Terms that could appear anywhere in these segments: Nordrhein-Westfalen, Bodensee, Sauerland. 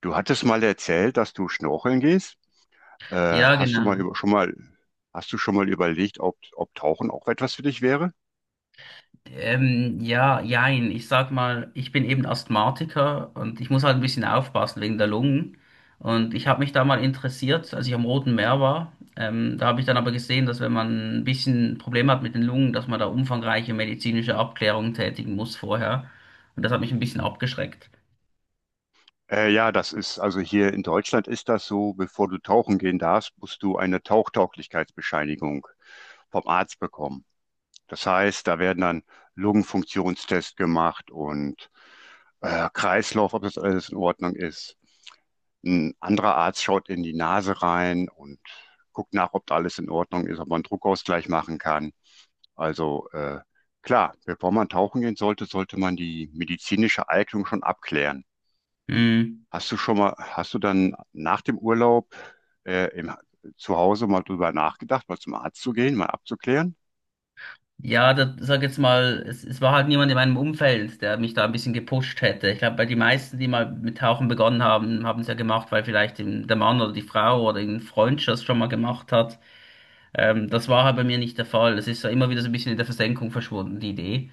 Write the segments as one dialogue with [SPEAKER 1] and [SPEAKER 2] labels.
[SPEAKER 1] Du hattest mal erzählt, dass du schnorcheln gehst. Äh,
[SPEAKER 2] Ja,
[SPEAKER 1] hast du mal
[SPEAKER 2] genau.
[SPEAKER 1] über, schon mal, hast du schon mal überlegt, ob Tauchen auch etwas für dich wäre?
[SPEAKER 2] Ja, jein. Ich sag mal, ich bin eben Asthmatiker und ich muss halt ein bisschen aufpassen wegen der Lungen. Und ich habe mich da mal interessiert, als ich am Roten Meer war. Da habe ich dann aber gesehen, dass wenn man ein bisschen Probleme hat mit den Lungen, dass man da umfangreiche medizinische Abklärungen tätigen muss vorher. Und das hat mich ein bisschen abgeschreckt.
[SPEAKER 1] Ja, das ist, also hier in Deutschland ist das so, bevor du tauchen gehen darfst, musst du eine Tauchtauglichkeitsbescheinigung vom Arzt bekommen. Das heißt, da werden dann Lungenfunktionstests gemacht und Kreislauf, ob das alles in Ordnung ist. Ein anderer Arzt schaut in die Nase rein und guckt nach, ob da alles in Ordnung ist, ob man einen Druckausgleich machen kann. Also klar, bevor man tauchen gehen sollte, sollte man die medizinische Eignung schon abklären.
[SPEAKER 2] Mm.
[SPEAKER 1] Hast du dann nach dem Urlaub äh, im, zu Hause mal drüber nachgedacht, mal zum Arzt zu gehen, mal abzuklären?
[SPEAKER 2] Ja, da sag jetzt mal, es war halt niemand in meinem Umfeld, der mich da ein bisschen gepusht hätte. Ich glaube, bei die meisten, die mal mit Tauchen begonnen haben, haben es ja gemacht, weil vielleicht der Mann oder die Frau oder ein Freund das schon mal gemacht hat. Das war halt bei mir nicht der Fall. Es ist ja immer wieder so ein bisschen in der Versenkung verschwunden, die Idee.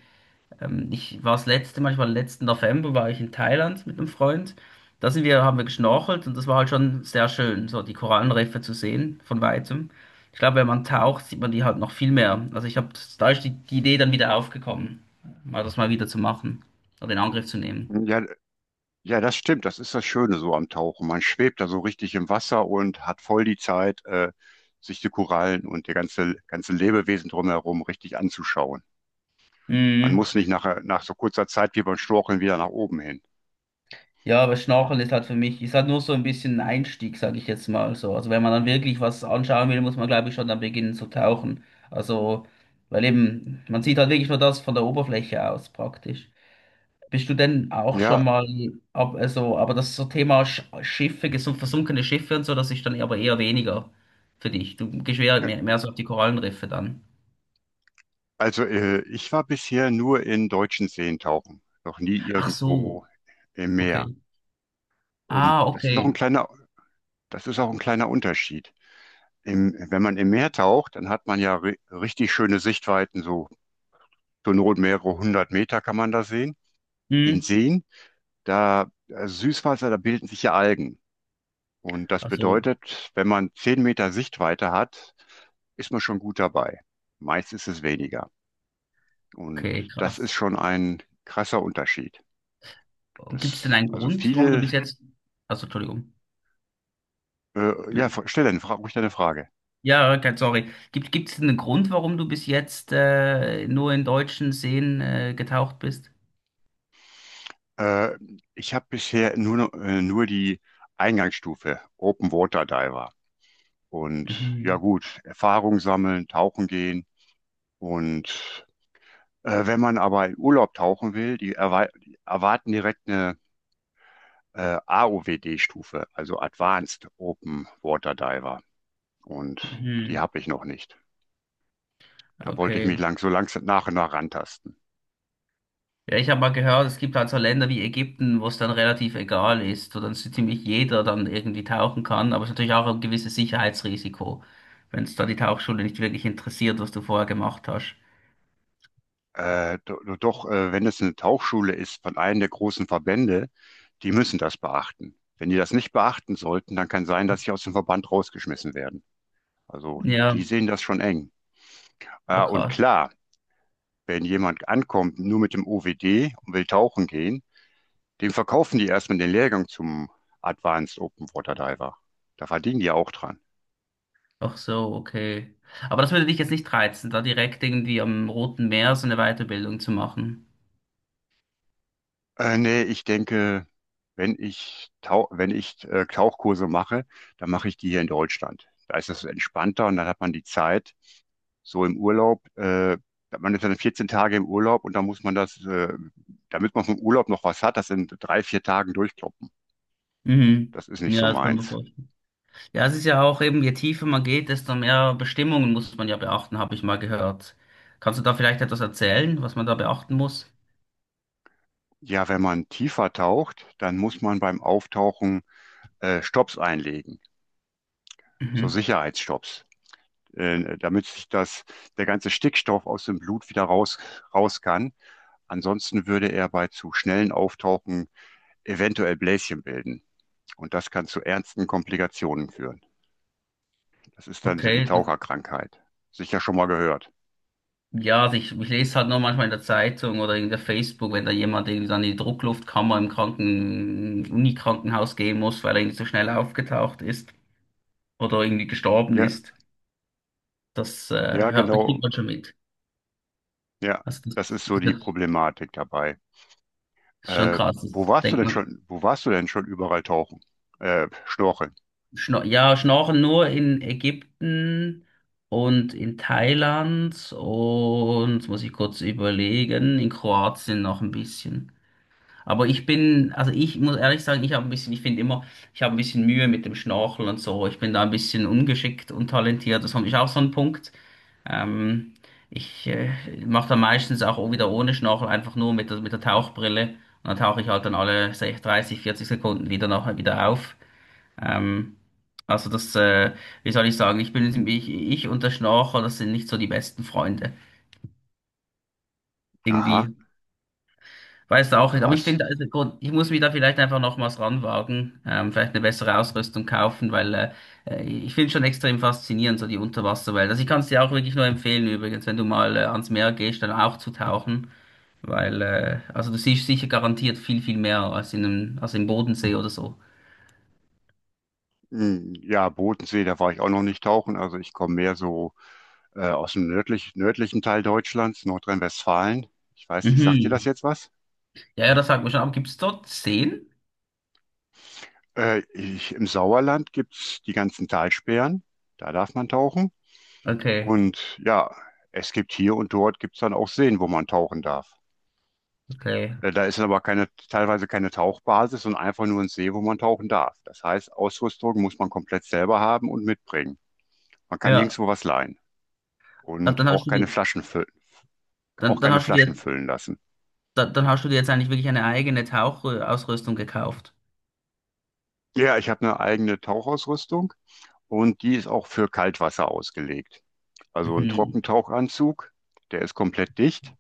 [SPEAKER 2] Ich war das letzte Mal, ich war letzten November, war ich in Thailand mit einem Freund. Haben wir geschnorchelt und das war halt schon sehr schön, so die Korallenriffe zu sehen von weitem. Ich glaube, wenn man taucht, sieht man die halt noch viel mehr. Da ist die Idee dann wieder aufgekommen, mal wieder zu machen oder in Angriff zu nehmen.
[SPEAKER 1] Ja, ja, das stimmt. Das ist das Schöne so am Tauchen. Man schwebt da so richtig im Wasser und hat voll die Zeit, sich die Korallen und die ganze Lebewesen drumherum richtig anzuschauen. Man muss nicht nach so kurzer Zeit wie beim Storcheln wieder nach oben hin.
[SPEAKER 2] Ja, aber Schnorcheln ist halt für mich, ist halt nur so ein bisschen ein Einstieg, sage ich jetzt mal so. Also wenn man dann wirklich was anschauen will, muss man glaube ich schon dann beginnen zu tauchen. Also, weil eben, man sieht halt wirklich nur das von der Oberfläche aus praktisch. Bist du denn
[SPEAKER 1] Ja,
[SPEAKER 2] auch
[SPEAKER 1] ja.
[SPEAKER 2] schon mal, ab, also, aber das so Thema Schiffe, versunkene Schiffe und so, das ist dann aber eher weniger für dich. Du gehst eher mehr so auf die Korallenriffe dann.
[SPEAKER 1] Also ich war bisher nur in deutschen Seen tauchen, noch nie
[SPEAKER 2] Ach so,
[SPEAKER 1] irgendwo im Meer.
[SPEAKER 2] okay.
[SPEAKER 1] Und
[SPEAKER 2] Ah, okay.
[SPEAKER 1] das ist auch ein kleiner Unterschied. Im, wenn man im Meer taucht, dann hat man ja ri richtig schöne Sichtweiten, so zur Not mehrere hundert Meter kann man da sehen. In
[SPEAKER 2] Hm.
[SPEAKER 1] Seen, da Süßwasser, da bilden sich ja Algen. Und das
[SPEAKER 2] Also,
[SPEAKER 1] bedeutet, wenn man zehn Meter Sichtweite hat, ist man schon gut dabei. Meist ist es weniger. Und
[SPEAKER 2] okay,
[SPEAKER 1] das ist
[SPEAKER 2] krass.
[SPEAKER 1] schon ein krasser Unterschied.
[SPEAKER 2] Gibt es denn
[SPEAKER 1] Das,
[SPEAKER 2] einen
[SPEAKER 1] also
[SPEAKER 2] Grund, warum du
[SPEAKER 1] viele,
[SPEAKER 2] bis jetzt, also Entschuldigung,
[SPEAKER 1] ja, stell deine Frage, ruhig deine Frage.
[SPEAKER 2] ja, kein, sorry, gibt es denn einen Grund, warum du bis jetzt nur in deutschen Seen getaucht bist?
[SPEAKER 1] Äh, Ich habe bisher nur, nur die Eingangsstufe Open Water Diver. Und ja
[SPEAKER 2] Mhm.
[SPEAKER 1] gut, Erfahrung sammeln, tauchen gehen. Und wenn man aber in Urlaub tauchen will, die erwarten direkt eine AOWD-Stufe, also Advanced Open Water Diver. Und die
[SPEAKER 2] Mhm.
[SPEAKER 1] habe ich noch nicht. Da wollte ich mich
[SPEAKER 2] Okay.
[SPEAKER 1] lang so langsam nach und nach rantasten.
[SPEAKER 2] Ja, ich habe mal gehört, es gibt halt so Länder wie Ägypten, wo es dann relativ egal ist, wo dann so ziemlich jeder dann irgendwie tauchen kann, aber es ist natürlich auch ein gewisses Sicherheitsrisiko, wenn es da die Tauchschule nicht wirklich interessiert, was du vorher gemacht hast.
[SPEAKER 1] Doch, wenn es eine Tauchschule ist von einem der großen Verbände, die müssen das beachten. Wenn die das nicht beachten sollten, dann kann sein, dass sie aus dem Verband rausgeschmissen werden. Also
[SPEAKER 2] Ja,
[SPEAKER 1] die sehen das schon eng.
[SPEAKER 2] ah,
[SPEAKER 1] Und
[SPEAKER 2] krass.
[SPEAKER 1] klar, wenn jemand ankommt nur mit dem OWD und will tauchen gehen, dem verkaufen die erstmal den Lehrgang zum Advanced Open Water Diver. Da verdienen die auch dran.
[SPEAKER 2] Ach so, okay. Aber das würde dich jetzt nicht reizen, da direkt irgendwie am Roten Meer so eine Weiterbildung zu machen.
[SPEAKER 1] Nee, ich denke, wenn ich Tauchkurse mache, dann mache ich die hier in Deutschland. Da ist das entspannter und dann hat man die Zeit, so im Urlaub, man ist dann 14 Tage im Urlaub und dann muss man das, damit man vom Urlaub noch was hat, das in drei, vier Tagen durchkloppen.
[SPEAKER 2] Mhm.
[SPEAKER 1] Das ist nicht
[SPEAKER 2] Ja,
[SPEAKER 1] so
[SPEAKER 2] das kann man
[SPEAKER 1] meins.
[SPEAKER 2] vorstellen. Ja, es ist ja auch eben, je tiefer man geht, desto mehr Bestimmungen muss man ja beachten, habe ich mal gehört. Kannst du da vielleicht etwas erzählen, was man da beachten muss?
[SPEAKER 1] Ja, wenn man tiefer taucht, dann muss man beim Auftauchen Stopps einlegen, so
[SPEAKER 2] Mhm.
[SPEAKER 1] Sicherheitsstopps, damit sich der ganze Stickstoff aus dem Blut wieder raus kann. Ansonsten würde er bei zu schnellen Auftauchen eventuell Bläschen bilden. Und das kann zu ernsten Komplikationen führen. Das ist dann so die
[SPEAKER 2] Okay.
[SPEAKER 1] Taucherkrankheit. Sicher schon mal gehört.
[SPEAKER 2] Ja, also ich lese halt nur manchmal in der Zeitung oder in der Facebook, wenn da jemand irgendwie dann in die Druckluftkammer im Unikrankenhaus gehen muss, weil er irgendwie so schnell aufgetaucht ist oder irgendwie gestorben
[SPEAKER 1] Ja,
[SPEAKER 2] ist. Das
[SPEAKER 1] ja,
[SPEAKER 2] kriegt
[SPEAKER 1] genau.
[SPEAKER 2] man schon mit.
[SPEAKER 1] Ja,
[SPEAKER 2] Also
[SPEAKER 1] das ist so die
[SPEAKER 2] das
[SPEAKER 1] Problematik dabei.
[SPEAKER 2] ist schon
[SPEAKER 1] Äh,
[SPEAKER 2] krass. Das denkt man.
[SPEAKER 1] wo warst du denn schon überall tauchen? Schnorcheln.
[SPEAKER 2] Schnorcheln nur in Ägypten und in Thailand und, jetzt muss ich kurz überlegen, in Kroatien noch ein bisschen. Aber ich bin, also ich muss ehrlich sagen, ich habe ein bisschen, ich finde immer, ich habe ein bisschen Mühe mit dem Schnorcheln und so. Ich bin da ein bisschen ungeschickt, untalentiert. Das ist auch so ein Punkt. Ähm, ich mache da meistens auch wieder ohne Schnorchel, einfach nur mit der Tauchbrille. Und dann tauche ich halt dann alle 60, 30, 40 Sekunden wieder nachher wieder auf. Ähm, also das, äh, wie soll ich sagen, ich und der Schnorchel, das sind nicht so die besten Freunde.
[SPEAKER 1] Aha,
[SPEAKER 2] Irgendwie weiß auch nicht, aber ich
[SPEAKER 1] was?
[SPEAKER 2] finde, also, ich muss mich da vielleicht einfach nochmals ranwagen, vielleicht eine bessere Ausrüstung kaufen, weil ich finde schon extrem faszinierend, so die Unterwasserwelt. Also ich kann es dir auch wirklich nur empfehlen, übrigens, wenn du mal ans Meer gehst, dann auch zu tauchen, weil also du siehst sicher garantiert viel, viel mehr als als im Bodensee oder so.
[SPEAKER 1] Hm, ja, Bodensee, da war ich auch noch nicht tauchen. Also ich komme mehr so nördlichen Teil Deutschlands, Nordrhein-Westfalen. Ich weiß nicht, sagt dir das
[SPEAKER 2] Mhm.
[SPEAKER 1] jetzt was?
[SPEAKER 2] Ja, ja, das sagt man schon, aber gibt es dort Seen?
[SPEAKER 1] Im Sauerland gibt's die ganzen Talsperren, da darf man tauchen.
[SPEAKER 2] Okay,
[SPEAKER 1] Und ja, es gibt hier und dort gibt's dann auch Seen, wo man tauchen darf.
[SPEAKER 2] okay.
[SPEAKER 1] Da ist aber keine, teilweise keine Tauchbasis, sondern einfach nur ein See, wo man tauchen darf. Das heißt, Ausrüstung muss man komplett selber haben und mitbringen. Man kann
[SPEAKER 2] Ja,
[SPEAKER 1] nirgendwo was leihen
[SPEAKER 2] Ah,
[SPEAKER 1] und
[SPEAKER 2] dann hast
[SPEAKER 1] auch
[SPEAKER 2] du
[SPEAKER 1] keine
[SPEAKER 2] dir,
[SPEAKER 1] Flaschen füllen,
[SPEAKER 2] dann,
[SPEAKER 1] auch
[SPEAKER 2] dann
[SPEAKER 1] keine
[SPEAKER 2] hast du
[SPEAKER 1] Flaschen
[SPEAKER 2] dir,
[SPEAKER 1] füllen lassen.
[SPEAKER 2] dann, dann hast du dir jetzt eigentlich wirklich eine eigene Tauchausrüstung gekauft.
[SPEAKER 1] Ja, ich habe eine eigene Tauchausrüstung und die ist auch für Kaltwasser ausgelegt. Also ein
[SPEAKER 2] Mhm.
[SPEAKER 1] Trockentauchanzug, der ist komplett dicht.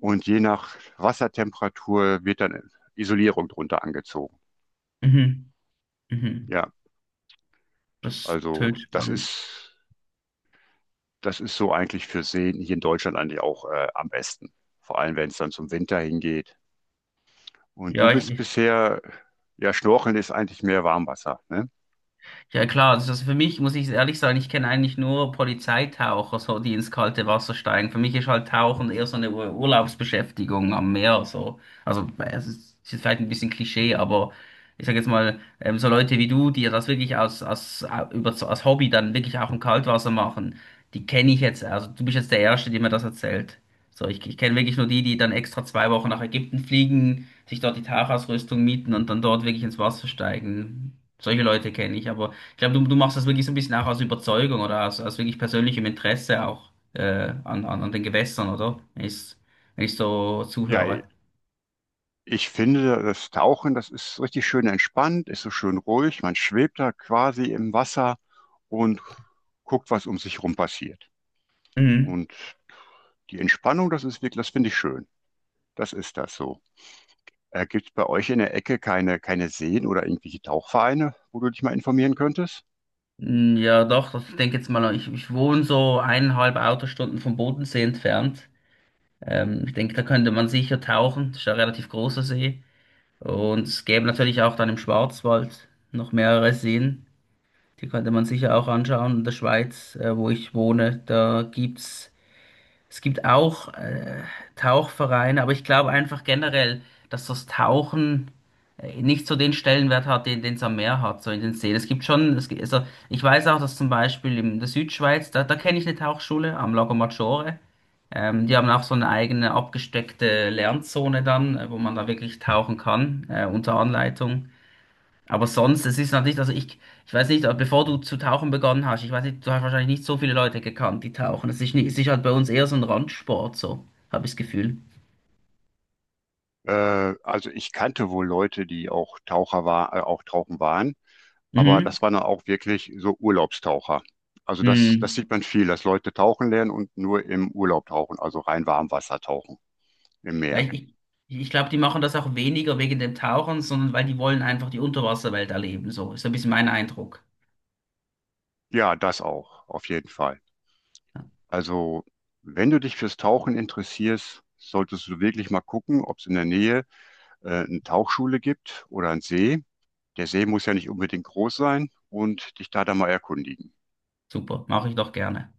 [SPEAKER 1] Und je nach Wassertemperatur wird dann Isolierung drunter angezogen.
[SPEAKER 2] Mhm. Mhm.
[SPEAKER 1] Ja,
[SPEAKER 2] Das ist total
[SPEAKER 1] also das
[SPEAKER 2] spannend.
[SPEAKER 1] ist, das ist so eigentlich für Seen hier in Deutschland eigentlich auch am besten. Vor allem, wenn es dann zum Winter hingeht. Und du
[SPEAKER 2] Ja,
[SPEAKER 1] bist
[SPEAKER 2] ich,
[SPEAKER 1] bisher, ja, Schnorcheln ist eigentlich mehr Warmwasser, ne?
[SPEAKER 2] Ja klar, also das für mich muss ich ehrlich sagen, ich kenne eigentlich nur Polizeitaucher, so die ins kalte Wasser steigen. Für mich ist halt Tauchen eher so eine Urlaubsbeschäftigung am Meer, so. Also es es ist vielleicht ein bisschen Klischee, aber ich sage jetzt mal, so Leute wie du, die ja das wirklich als Hobby dann wirklich auch im Kaltwasser machen, die kenne ich jetzt. Also du bist jetzt der Erste, der mir das erzählt. So, ich kenne wirklich nur die, die dann extra zwei Wochen nach Ägypten fliegen, sich dort die Tauchausrüstung mieten und dann dort wirklich ins Wasser steigen. Solche Leute kenne ich, aber ich glaube, du machst das wirklich so ein bisschen auch aus Überzeugung oder aus wirklich persönlichem Interesse auch an den Gewässern, oder? Wenn ich so
[SPEAKER 1] Ja,
[SPEAKER 2] zuhöre.
[SPEAKER 1] ich finde, das ist richtig schön entspannt, ist so schön ruhig. Man schwebt da quasi im Wasser und guckt, was um sich rum passiert.
[SPEAKER 2] Mhm.
[SPEAKER 1] Und die Entspannung, das finde ich schön. Das ist das so. Gibt es bei euch in der Ecke keine Seen oder irgendwelche Tauchvereine, wo du dich mal informieren könntest?
[SPEAKER 2] Mm, ja, doch, ich denke jetzt mal, ich wohne so eineinhalb Autostunden vom Bodensee entfernt. Ich denke, da könnte man sicher tauchen. Das ist ja ein relativ großer See. Und es gäbe natürlich auch dann im Schwarzwald noch mehrere Seen. Die könnte man sicher auch anschauen. In der Schweiz, wo ich wohne, da gibt's. Es gibt auch Tauchvereine, aber ich glaube einfach generell, dass das Tauchen nicht so den Stellenwert hat, den es am Meer hat, so in den Seen. Es gibt schon, also ich weiß auch, dass zum Beispiel in der Südschweiz, da kenne ich eine Tauchschule am Lago Maggiore. Die haben auch so eine eigene abgesteckte Lernzone dann, wo man da wirklich tauchen kann, unter Anleitung. Aber sonst, es ist natürlich, ich weiß nicht, bevor du zu tauchen begonnen hast, ich weiß nicht, du hast wahrscheinlich nicht so viele Leute gekannt, die tauchen. Es ist, nicht, es ist halt bei uns eher so ein Randsport, so, habe ich das Gefühl.
[SPEAKER 1] Also ich kannte wohl Leute, die auch auch tauchen waren, aber
[SPEAKER 2] Mhm.
[SPEAKER 1] das waren dann auch wirklich so Urlaubstaucher. Also das, das
[SPEAKER 2] Mhm.
[SPEAKER 1] sieht man viel, dass Leute tauchen lernen und nur im Urlaub tauchen, also rein Warmwasser tauchen im
[SPEAKER 2] Ja,
[SPEAKER 1] Meer.
[SPEAKER 2] ich, ich, ich glaube, die machen das auch weniger wegen dem Tauchen, sondern weil die wollen einfach die Unterwasserwelt erleben, so. Ist so ein bisschen mein Eindruck.
[SPEAKER 1] Ja, das auch, auf jeden Fall. Also wenn du dich fürs Tauchen interessierst, solltest du wirklich mal gucken, ob es in der Nähe eine Tauchschule gibt oder einen See. Der See muss ja nicht unbedingt groß sein und dich da dann mal erkundigen.
[SPEAKER 2] Super, mache ich doch gerne.